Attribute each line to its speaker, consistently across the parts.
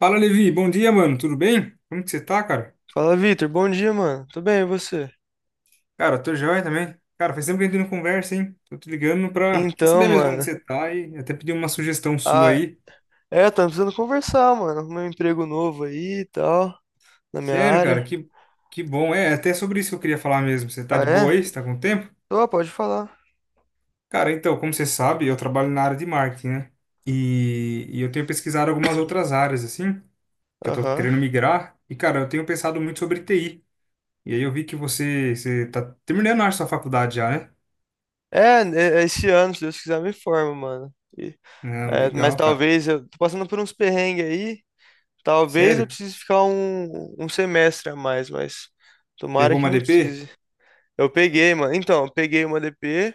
Speaker 1: Fala, Levi. Bom dia, mano. Tudo bem? Como que você tá, cara?
Speaker 2: Fala, Vitor. Bom dia, mano. Tudo bem, e você?
Speaker 1: Cara, eu tô joia também. Cara, faz tempo que a gente não conversa, hein? Tô te ligando pra
Speaker 2: Então,
Speaker 1: saber mesmo como que
Speaker 2: mano.
Speaker 1: você tá e até pedir uma sugestão sua
Speaker 2: Ah,
Speaker 1: aí.
Speaker 2: é, tá precisando conversar, mano. Meu emprego novo aí e tal, na minha
Speaker 1: Sério, cara,
Speaker 2: área.
Speaker 1: que bom. É, até sobre isso que eu queria falar mesmo. Você tá
Speaker 2: Ah,
Speaker 1: de boa
Speaker 2: é?
Speaker 1: aí? Você tá com tempo?
Speaker 2: Tô, pode falar.
Speaker 1: Cara, então, como você sabe, eu trabalho na área de marketing, né? E eu tenho pesquisado algumas outras áreas, assim, que eu tô
Speaker 2: Aham.
Speaker 1: querendo migrar. E, cara, eu tenho pensado muito sobre TI. E aí eu vi que você tá terminando a sua faculdade já, né?
Speaker 2: É, é esse ano, se Deus quiser, me forma, mano.
Speaker 1: Não,
Speaker 2: É, mas
Speaker 1: legal, cara.
Speaker 2: talvez eu tô passando por uns perrengues aí. Talvez eu
Speaker 1: Sério?
Speaker 2: precise ficar um semestre a mais, mas tomara
Speaker 1: Pegou
Speaker 2: que
Speaker 1: uma
Speaker 2: não
Speaker 1: DP?
Speaker 2: precise. Eu peguei, mano. Então, eu peguei uma DP.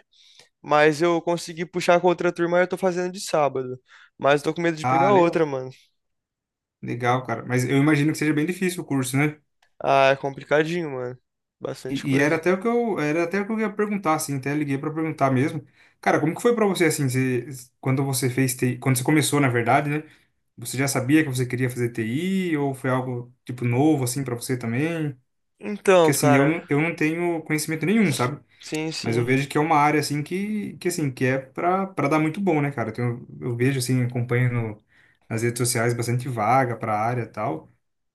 Speaker 2: Mas eu consegui puxar com outra turma e eu tô fazendo de sábado. Mas tô com medo de
Speaker 1: Ah,
Speaker 2: pegar
Speaker 1: legal.
Speaker 2: outra, mano.
Speaker 1: Legal, cara. Mas eu imagino que seja bem difícil o curso, né?
Speaker 2: Ah, é complicadinho, mano. Bastante
Speaker 1: E,
Speaker 2: coisa.
Speaker 1: era até o que eu ia perguntar, assim, até liguei pra perguntar mesmo. Cara, como que foi pra você, assim, quando você fez TI, quando você começou, na verdade, né? Você já sabia que você queria fazer TI ou foi algo, tipo, novo, assim, pra você também? Porque,
Speaker 2: Então,
Speaker 1: assim,
Speaker 2: cara.
Speaker 1: eu não tenho conhecimento nenhum, sabe?
Speaker 2: Sim,
Speaker 1: Mas eu
Speaker 2: sim.
Speaker 1: vejo que é uma área, assim, que é pra dar muito bom, né, cara? Eu vejo, assim, acompanho no- nas redes sociais bastante vaga pra área e tal.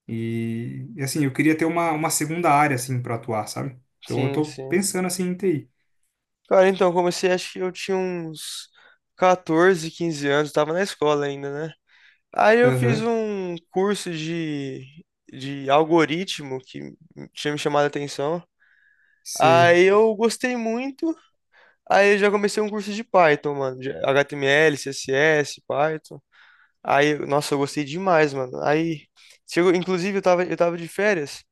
Speaker 1: Eu queria ter uma segunda área, assim, para atuar, sabe? Então eu
Speaker 2: Sim,
Speaker 1: tô
Speaker 2: sim.
Speaker 1: pensando, assim, em TI.
Speaker 2: Cara, então, eu comecei, acho que eu tinha uns 14, 15 anos. Tava na escola ainda, né? Aí eu fiz
Speaker 1: Aham,
Speaker 2: um curso de algoritmo que tinha me chamado a atenção.
Speaker 1: sei.
Speaker 2: Aí eu gostei muito. Aí eu já comecei um curso de Python, mano, de HTML, CSS, Python. Aí, nossa, eu gostei demais, mano. Aí, chegou, inclusive, eu tava de férias.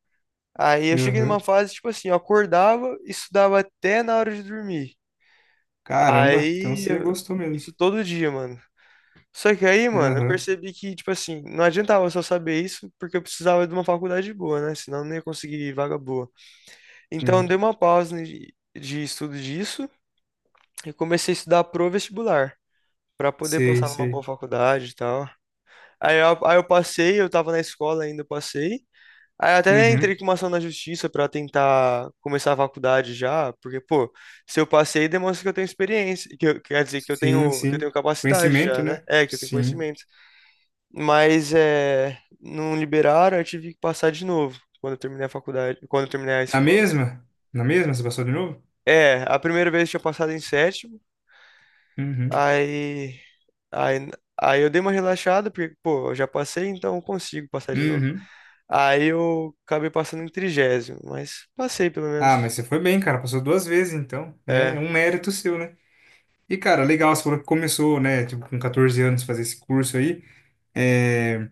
Speaker 2: Aí eu cheguei numa
Speaker 1: Aham.
Speaker 2: fase, tipo assim, eu acordava e estudava até na hora de dormir.
Speaker 1: Caramba, então
Speaker 2: Aí,
Speaker 1: você
Speaker 2: eu-
Speaker 1: gostou mesmo.
Speaker 2: isso todo dia, mano. Só que aí, mano, eu
Speaker 1: Aham,
Speaker 2: percebi que, tipo assim, não adiantava só saber isso, porque eu precisava de uma faculdade boa, né? Senão eu não ia conseguir vaga boa. Então, eu
Speaker 1: sim.
Speaker 2: dei uma pausa de estudo disso e comecei a estudar pro vestibular, pra poder
Speaker 1: Sei,
Speaker 2: passar numa boa
Speaker 1: sei.
Speaker 2: faculdade e tal. Aí eu passei, eu tava na escola ainda, eu passei. Aí eu até entrei
Speaker 1: Uhum.
Speaker 2: com uma ação na justiça pra tentar começar a faculdade já, porque, pô, se eu passei, demonstra que eu tenho experiência, que quer dizer,
Speaker 1: Sim,
Speaker 2: que eu
Speaker 1: sim.
Speaker 2: tenho capacidade
Speaker 1: Conhecimento,
Speaker 2: já, né?
Speaker 1: né?
Speaker 2: É, que eu tenho
Speaker 1: Sim.
Speaker 2: conhecimento. Mas é, não liberaram, eu tive que passar de novo quando eu terminei a faculdade, quando eu terminei a
Speaker 1: Na
Speaker 2: escola.
Speaker 1: mesma? Na mesma? Você passou de novo?
Speaker 2: É, a primeira vez eu tinha passado em sétimo,
Speaker 1: Uhum.
Speaker 2: aí, aí, aí eu dei uma relaxada, porque, pô, eu já passei, então eu consigo passar de novo.
Speaker 1: Uhum.
Speaker 2: Aí eu acabei passando em trigésimo, mas passei pelo
Speaker 1: Ah,
Speaker 2: menos.
Speaker 1: mas você foi bem, cara. Passou duas vezes, então, né? É
Speaker 2: É.
Speaker 1: um mérito seu, né? E, cara, legal, você falou que começou, né? Tipo, com 14 anos fazer esse curso aí. É,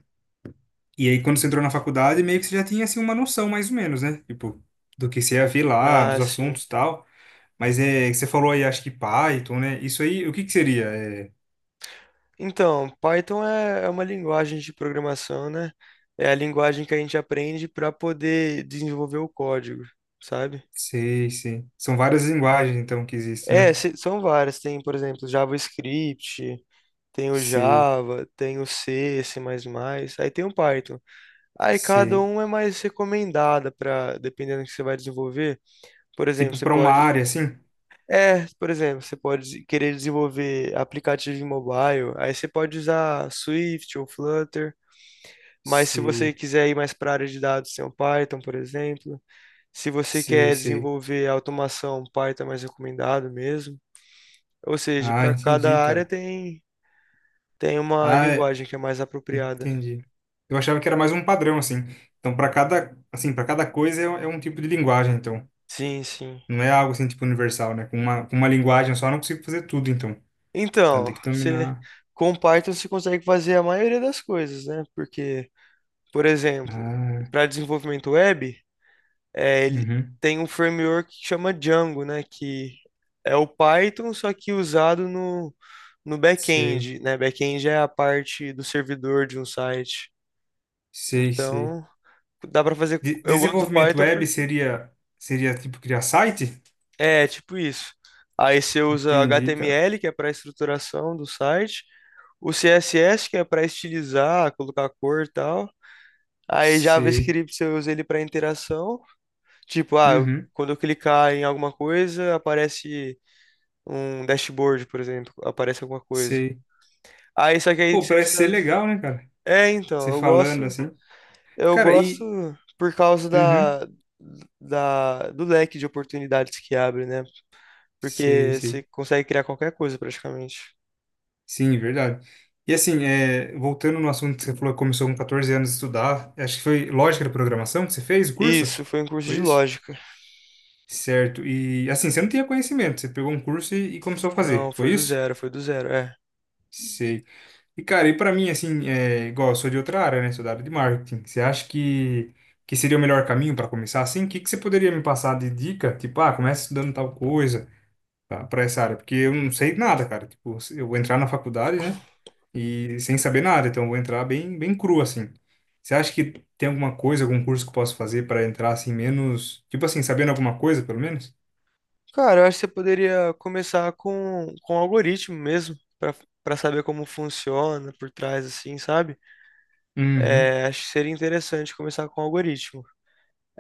Speaker 1: e aí, quando você entrou na faculdade, meio que você já tinha, assim, uma noção, mais ou menos, né? Tipo, do que você ia ver lá,
Speaker 2: Ah,
Speaker 1: dos
Speaker 2: sim.
Speaker 1: assuntos e tal. Mas é... Você falou aí, acho que Python, né? Isso aí, o que que seria? É...
Speaker 2: Então, Python é uma linguagem de programação, né? É a linguagem que a gente aprende para poder desenvolver o código, sabe?
Speaker 1: Sei, sei. São várias linguagens, então, que existem,
Speaker 2: É,
Speaker 1: né?
Speaker 2: são várias. Tem, por exemplo, JavaScript, tem o
Speaker 1: Sei,
Speaker 2: Java, tem o C, C++, aí tem o Python. Aí cada
Speaker 1: sei.
Speaker 2: um é mais recomendada para, dependendo do que você vai desenvolver. Por exemplo,
Speaker 1: Tipo,
Speaker 2: você
Speaker 1: para uma
Speaker 2: pode.
Speaker 1: área, assim?
Speaker 2: É, por exemplo, você pode querer desenvolver aplicativo em mobile, aí você pode usar Swift ou Flutter. Mas se
Speaker 1: Sei,
Speaker 2: você quiser ir mais para a área de dados, tem o Python, por exemplo. Se você
Speaker 1: sei,
Speaker 2: quer
Speaker 1: sei.
Speaker 2: desenvolver automação, Python é mais recomendado mesmo. Ou seja,
Speaker 1: Ah,
Speaker 2: para
Speaker 1: entendi,
Speaker 2: cada área
Speaker 1: cara.
Speaker 2: tem, tem uma
Speaker 1: Ah, é,
Speaker 2: linguagem que é mais apropriada.
Speaker 1: entendi. Eu achava que era mais um padrão, assim. Então, para cada coisa é um tipo de linguagem, então.
Speaker 2: Sim, sim.
Speaker 1: Não é algo assim, tipo, universal, né? Com com uma linguagem só eu não consigo fazer tudo, então. Então,
Speaker 2: Então,
Speaker 1: tem que
Speaker 2: você,
Speaker 1: dominar.
Speaker 2: com Python você consegue fazer a maioria das coisas, né? Porque, por exemplo,
Speaker 1: Ah,
Speaker 2: para desenvolvimento web, é, ele
Speaker 1: uhum.
Speaker 2: tem um framework que chama Django, né? Que é o Python, só que usado no
Speaker 1: Sei,
Speaker 2: back-end, né? Back-end é a parte do servidor de um site.
Speaker 1: sei, sei.
Speaker 2: Então, dá para fazer.
Speaker 1: De-
Speaker 2: Eu gosto do
Speaker 1: desenvolvimento
Speaker 2: Python
Speaker 1: web
Speaker 2: porque
Speaker 1: seria, seria, tipo, criar site?
Speaker 2: é tipo isso. Aí você usa
Speaker 1: Entendi, cara.
Speaker 2: HTML, que é para estruturação do site, o CSS, que é para estilizar, colocar cor e tal. Aí
Speaker 1: Sei.
Speaker 2: JavaScript você usa ele para interação. Tipo, ah,
Speaker 1: Uhum.
Speaker 2: quando eu clicar em alguma coisa, aparece um dashboard, por exemplo, aparece alguma coisa.
Speaker 1: Sei.
Speaker 2: Aí só que aí
Speaker 1: Pô,
Speaker 2: você
Speaker 1: parece ser
Speaker 2: precisa.
Speaker 1: legal, né, cara?
Speaker 2: É, então,
Speaker 1: Você
Speaker 2: eu
Speaker 1: falando
Speaker 2: gosto,
Speaker 1: assim.
Speaker 2: eu
Speaker 1: Cara,
Speaker 2: gosto
Speaker 1: e...
Speaker 2: por causa
Speaker 1: Uhum.
Speaker 2: do leque de oportunidades que abre, né?
Speaker 1: Sei,
Speaker 2: Porque
Speaker 1: sei.
Speaker 2: você consegue criar qualquer coisa praticamente.
Speaker 1: Sim, verdade. E assim, é, voltando no assunto que você falou que começou com 14 anos a estudar, acho que foi lógica da programação que você fez o curso?
Speaker 2: Isso, foi um curso de
Speaker 1: Foi isso?
Speaker 2: lógica.
Speaker 1: Certo. E assim, você não tinha conhecimento, você pegou um curso e começou a
Speaker 2: Não,
Speaker 1: fazer, foi isso?
Speaker 2: foi do zero, é.
Speaker 1: Sei. E cara, e pra mim, assim, é, igual eu sou de outra área, né? Sou da área de marketing. Você acha que seria o melhor caminho para começar assim? O que você poderia me passar de dica? Tipo, ah, começa estudando tal coisa, para essa área, porque eu não sei nada, cara. Tipo, eu vou entrar na faculdade, né? E sem saber nada, então eu vou entrar bem cru assim. Você acha que tem alguma coisa, algum curso que eu posso fazer para entrar assim menos, tipo assim, sabendo alguma coisa, pelo menos?
Speaker 2: Cara, eu acho que você poderia começar com algoritmo mesmo, para saber como funciona por trás, assim, sabe?
Speaker 1: Uhum.
Speaker 2: É, acho que seria interessante começar com algoritmo.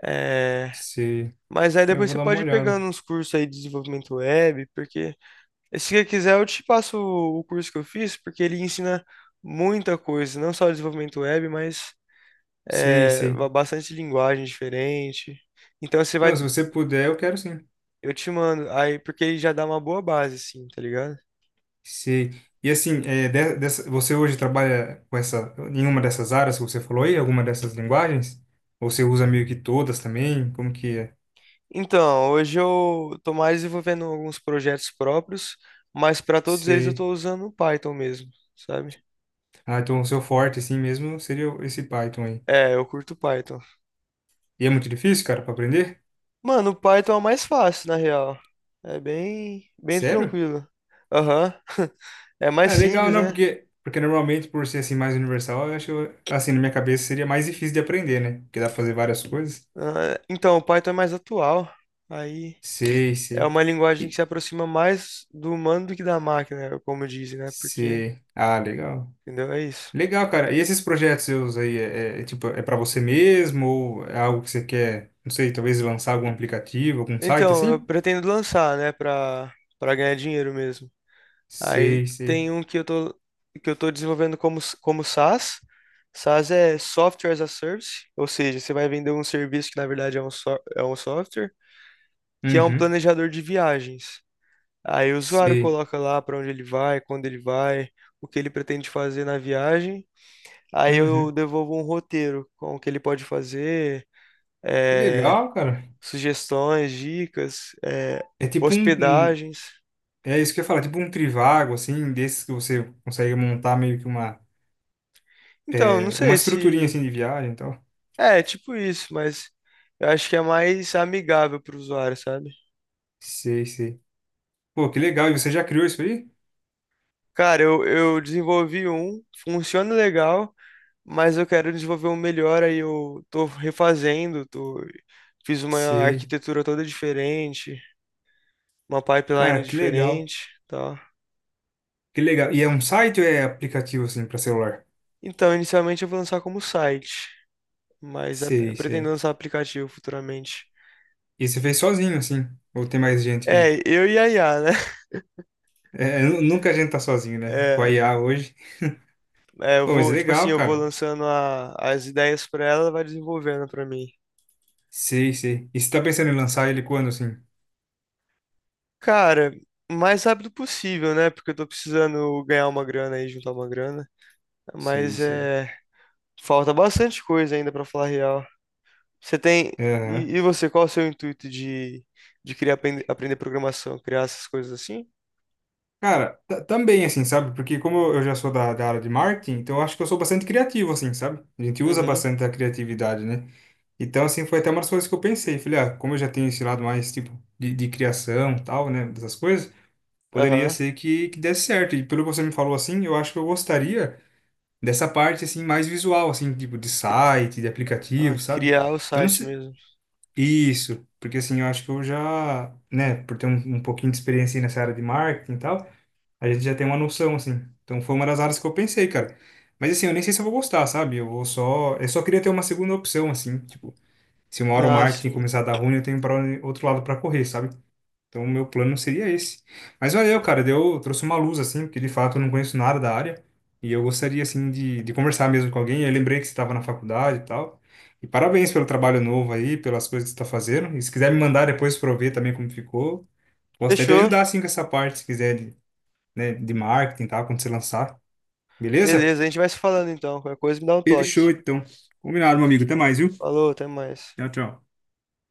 Speaker 2: É.
Speaker 1: Sei.
Speaker 2: Mas aí
Speaker 1: É, eu
Speaker 2: depois
Speaker 1: vou
Speaker 2: você
Speaker 1: dar uma
Speaker 2: pode ir
Speaker 1: olhada.
Speaker 2: pegando uns cursos aí de desenvolvimento web, porque se você quiser eu te passo o curso que eu fiz, porque ele ensina muita coisa, não só desenvolvimento web, mas
Speaker 1: Sei,
Speaker 2: é,
Speaker 1: sei.
Speaker 2: bastante linguagem diferente. Então você vai,
Speaker 1: Não, se você puder, eu quero sim.
Speaker 2: eu te mando aí, porque ele já dá uma boa base, assim, tá ligado?
Speaker 1: Sei. E assim, é, você hoje trabalha com essa, em uma dessas áreas que você falou aí, alguma dessas linguagens? Ou você usa meio que todas também? Como que é?
Speaker 2: Então, hoje eu tô mais desenvolvendo alguns projetos próprios, mas para todos eles eu
Speaker 1: Sei.
Speaker 2: tô usando o Python mesmo, sabe?
Speaker 1: Ah, então o seu forte, assim mesmo, esse Python aí.
Speaker 2: É, eu curto Python.
Speaker 1: E é muito difícil, cara, pra aprender?
Speaker 2: Mano, o Python é o mais fácil, na real. É bem, bem
Speaker 1: Sério?
Speaker 2: tranquilo. Aham. É mais
Speaker 1: Ah, legal,
Speaker 2: simples,
Speaker 1: não,
Speaker 2: né?
Speaker 1: porque normalmente, por ser assim mais universal, eu acho, assim, na minha cabeça seria mais difícil de aprender, né? Porque dá pra fazer várias coisas.
Speaker 2: Ah, então, o Python é mais atual. Aí
Speaker 1: Sei,
Speaker 2: é
Speaker 1: sei.
Speaker 2: uma linguagem que
Speaker 1: E-
Speaker 2: se aproxima mais do humano do que da máquina, como dizem, né?
Speaker 1: Sei. Ah, legal.
Speaker 2: Entendeu? É isso.
Speaker 1: Legal, cara. E esses projetos seus aí, tipo, é pra você mesmo ou é algo que você quer, não sei, talvez lançar algum aplicativo, algum site
Speaker 2: Então, eu
Speaker 1: assim?
Speaker 2: pretendo lançar, né, Pra para ganhar dinheiro mesmo. Aí
Speaker 1: Sei, sei.
Speaker 2: tem um que eu tô desenvolvendo como, como SaaS. SaaS é Software as a Service, ou seja, você vai vender um serviço que na verdade é um, é um software, que é um
Speaker 1: Uhum.
Speaker 2: planejador de viagens. Aí o usuário
Speaker 1: Sei.
Speaker 2: coloca lá para onde ele vai, quando ele vai, o que ele pretende fazer na viagem. Aí eu
Speaker 1: Uhum.
Speaker 2: devolvo um roteiro com o que ele pode fazer,
Speaker 1: Que
Speaker 2: eh,
Speaker 1: legal, cara.
Speaker 2: sugestões, dicas,
Speaker 1: É tipo
Speaker 2: hospedagens.
Speaker 1: é isso que eu ia falar, tipo um trivago, assim, desses que você consegue montar meio que uma,
Speaker 2: Então, não
Speaker 1: é, uma
Speaker 2: sei
Speaker 1: estruturinha,
Speaker 2: se.
Speaker 1: assim, de viagem e tal.
Speaker 2: É, tipo isso, mas eu acho que é mais amigável para o usuário, sabe?
Speaker 1: Sei, sei. Pô, que legal. E você já criou isso aí?
Speaker 2: Cara, eu desenvolvi um, funciona legal, mas eu quero desenvolver um melhor, aí eu tô refazendo, tô, fiz uma
Speaker 1: Sei.
Speaker 2: arquitetura toda diferente, uma pipeline
Speaker 1: Cara, que legal.
Speaker 2: diferente, tá?
Speaker 1: Que legal. E é um site ou é aplicativo, assim, pra celular?
Speaker 2: Então, inicialmente eu vou lançar como site, mas eu
Speaker 1: Sei,
Speaker 2: pretendo
Speaker 1: sei.
Speaker 2: lançar um aplicativo futuramente.
Speaker 1: E você fez sozinho, assim? Ou tem mais gente que...
Speaker 2: É, eu e a IA, né?
Speaker 1: É, nunca a gente tá sozinho, né? Com a
Speaker 2: É,
Speaker 1: IA hoje.
Speaker 2: eu
Speaker 1: Pô, mas é
Speaker 2: vou, tipo assim,
Speaker 1: legal,
Speaker 2: eu vou
Speaker 1: cara.
Speaker 2: lançando as ideias pra ela, ela vai desenvolvendo pra mim.
Speaker 1: Sei, sei. E você tá pensando em lançar ele quando, assim?
Speaker 2: Cara, o mais rápido possível, né? Porque eu tô precisando ganhar uma grana aí, juntar uma grana.
Speaker 1: Sei,
Speaker 2: Mas
Speaker 1: sei.
Speaker 2: é. Falta bastante coisa ainda pra falar a real. Você tem. E você, qual é o seu intuito de criar, aprender programação? Criar essas coisas assim?
Speaker 1: Cara, também assim, sabe? Porque como eu já sou da área de marketing, então eu acho que eu sou bastante criativo, assim, sabe? A gente usa
Speaker 2: Uhum.
Speaker 1: bastante a criatividade, né? Então, assim, foi até uma das coisas que eu pensei. Falei, ah, como eu já tenho esse lado mais, tipo, de criação e tal, né? Dessas coisas, poderia
Speaker 2: Aham.
Speaker 1: ser que desse certo. E pelo que você me falou, assim, eu acho que eu gostaria dessa parte, assim, mais visual, assim, tipo, de site, de
Speaker 2: Ah,
Speaker 1: aplicativo, sabe?
Speaker 2: criar o
Speaker 1: Eu não
Speaker 2: site
Speaker 1: sei...
Speaker 2: mesmo.
Speaker 1: Isso, porque assim, eu acho que eu já, né, por ter um pouquinho de experiência aí nessa área de marketing e tal, a gente já tem uma noção, assim. Então foi uma das áreas que eu pensei, cara. Mas assim, eu nem sei se eu vou gostar, sabe? Eu vou só. Eu só queria ter uma segunda opção, assim. Tipo, se uma hora o
Speaker 2: Ah,
Speaker 1: marketing
Speaker 2: sim.
Speaker 1: começar a dar ruim, eu tenho para outro lado para correr, sabe? Então o meu plano seria esse. Mas valeu, cara. Deu, trouxe uma luz, assim, porque de fato eu não conheço nada da área. E eu gostaria, assim, de conversar mesmo com alguém. Eu lembrei que você estava na faculdade e tal. E parabéns pelo trabalho novo aí, pelas coisas que você está fazendo. E se quiser me mandar depois para eu ver também como ficou. Posso até te
Speaker 2: Fechou.
Speaker 1: ajudar, assim, com essa parte, se quiser, de, né, de marketing e tal, quando você lançar. Beleza?
Speaker 2: Beleza, a gente vai se falando então. Qualquer coisa me dá um
Speaker 1: Fechou,
Speaker 2: toque.
Speaker 1: então. Combinado, meu amigo. Até mais, viu?
Speaker 2: Falou, até mais.
Speaker 1: Tchau, tchau.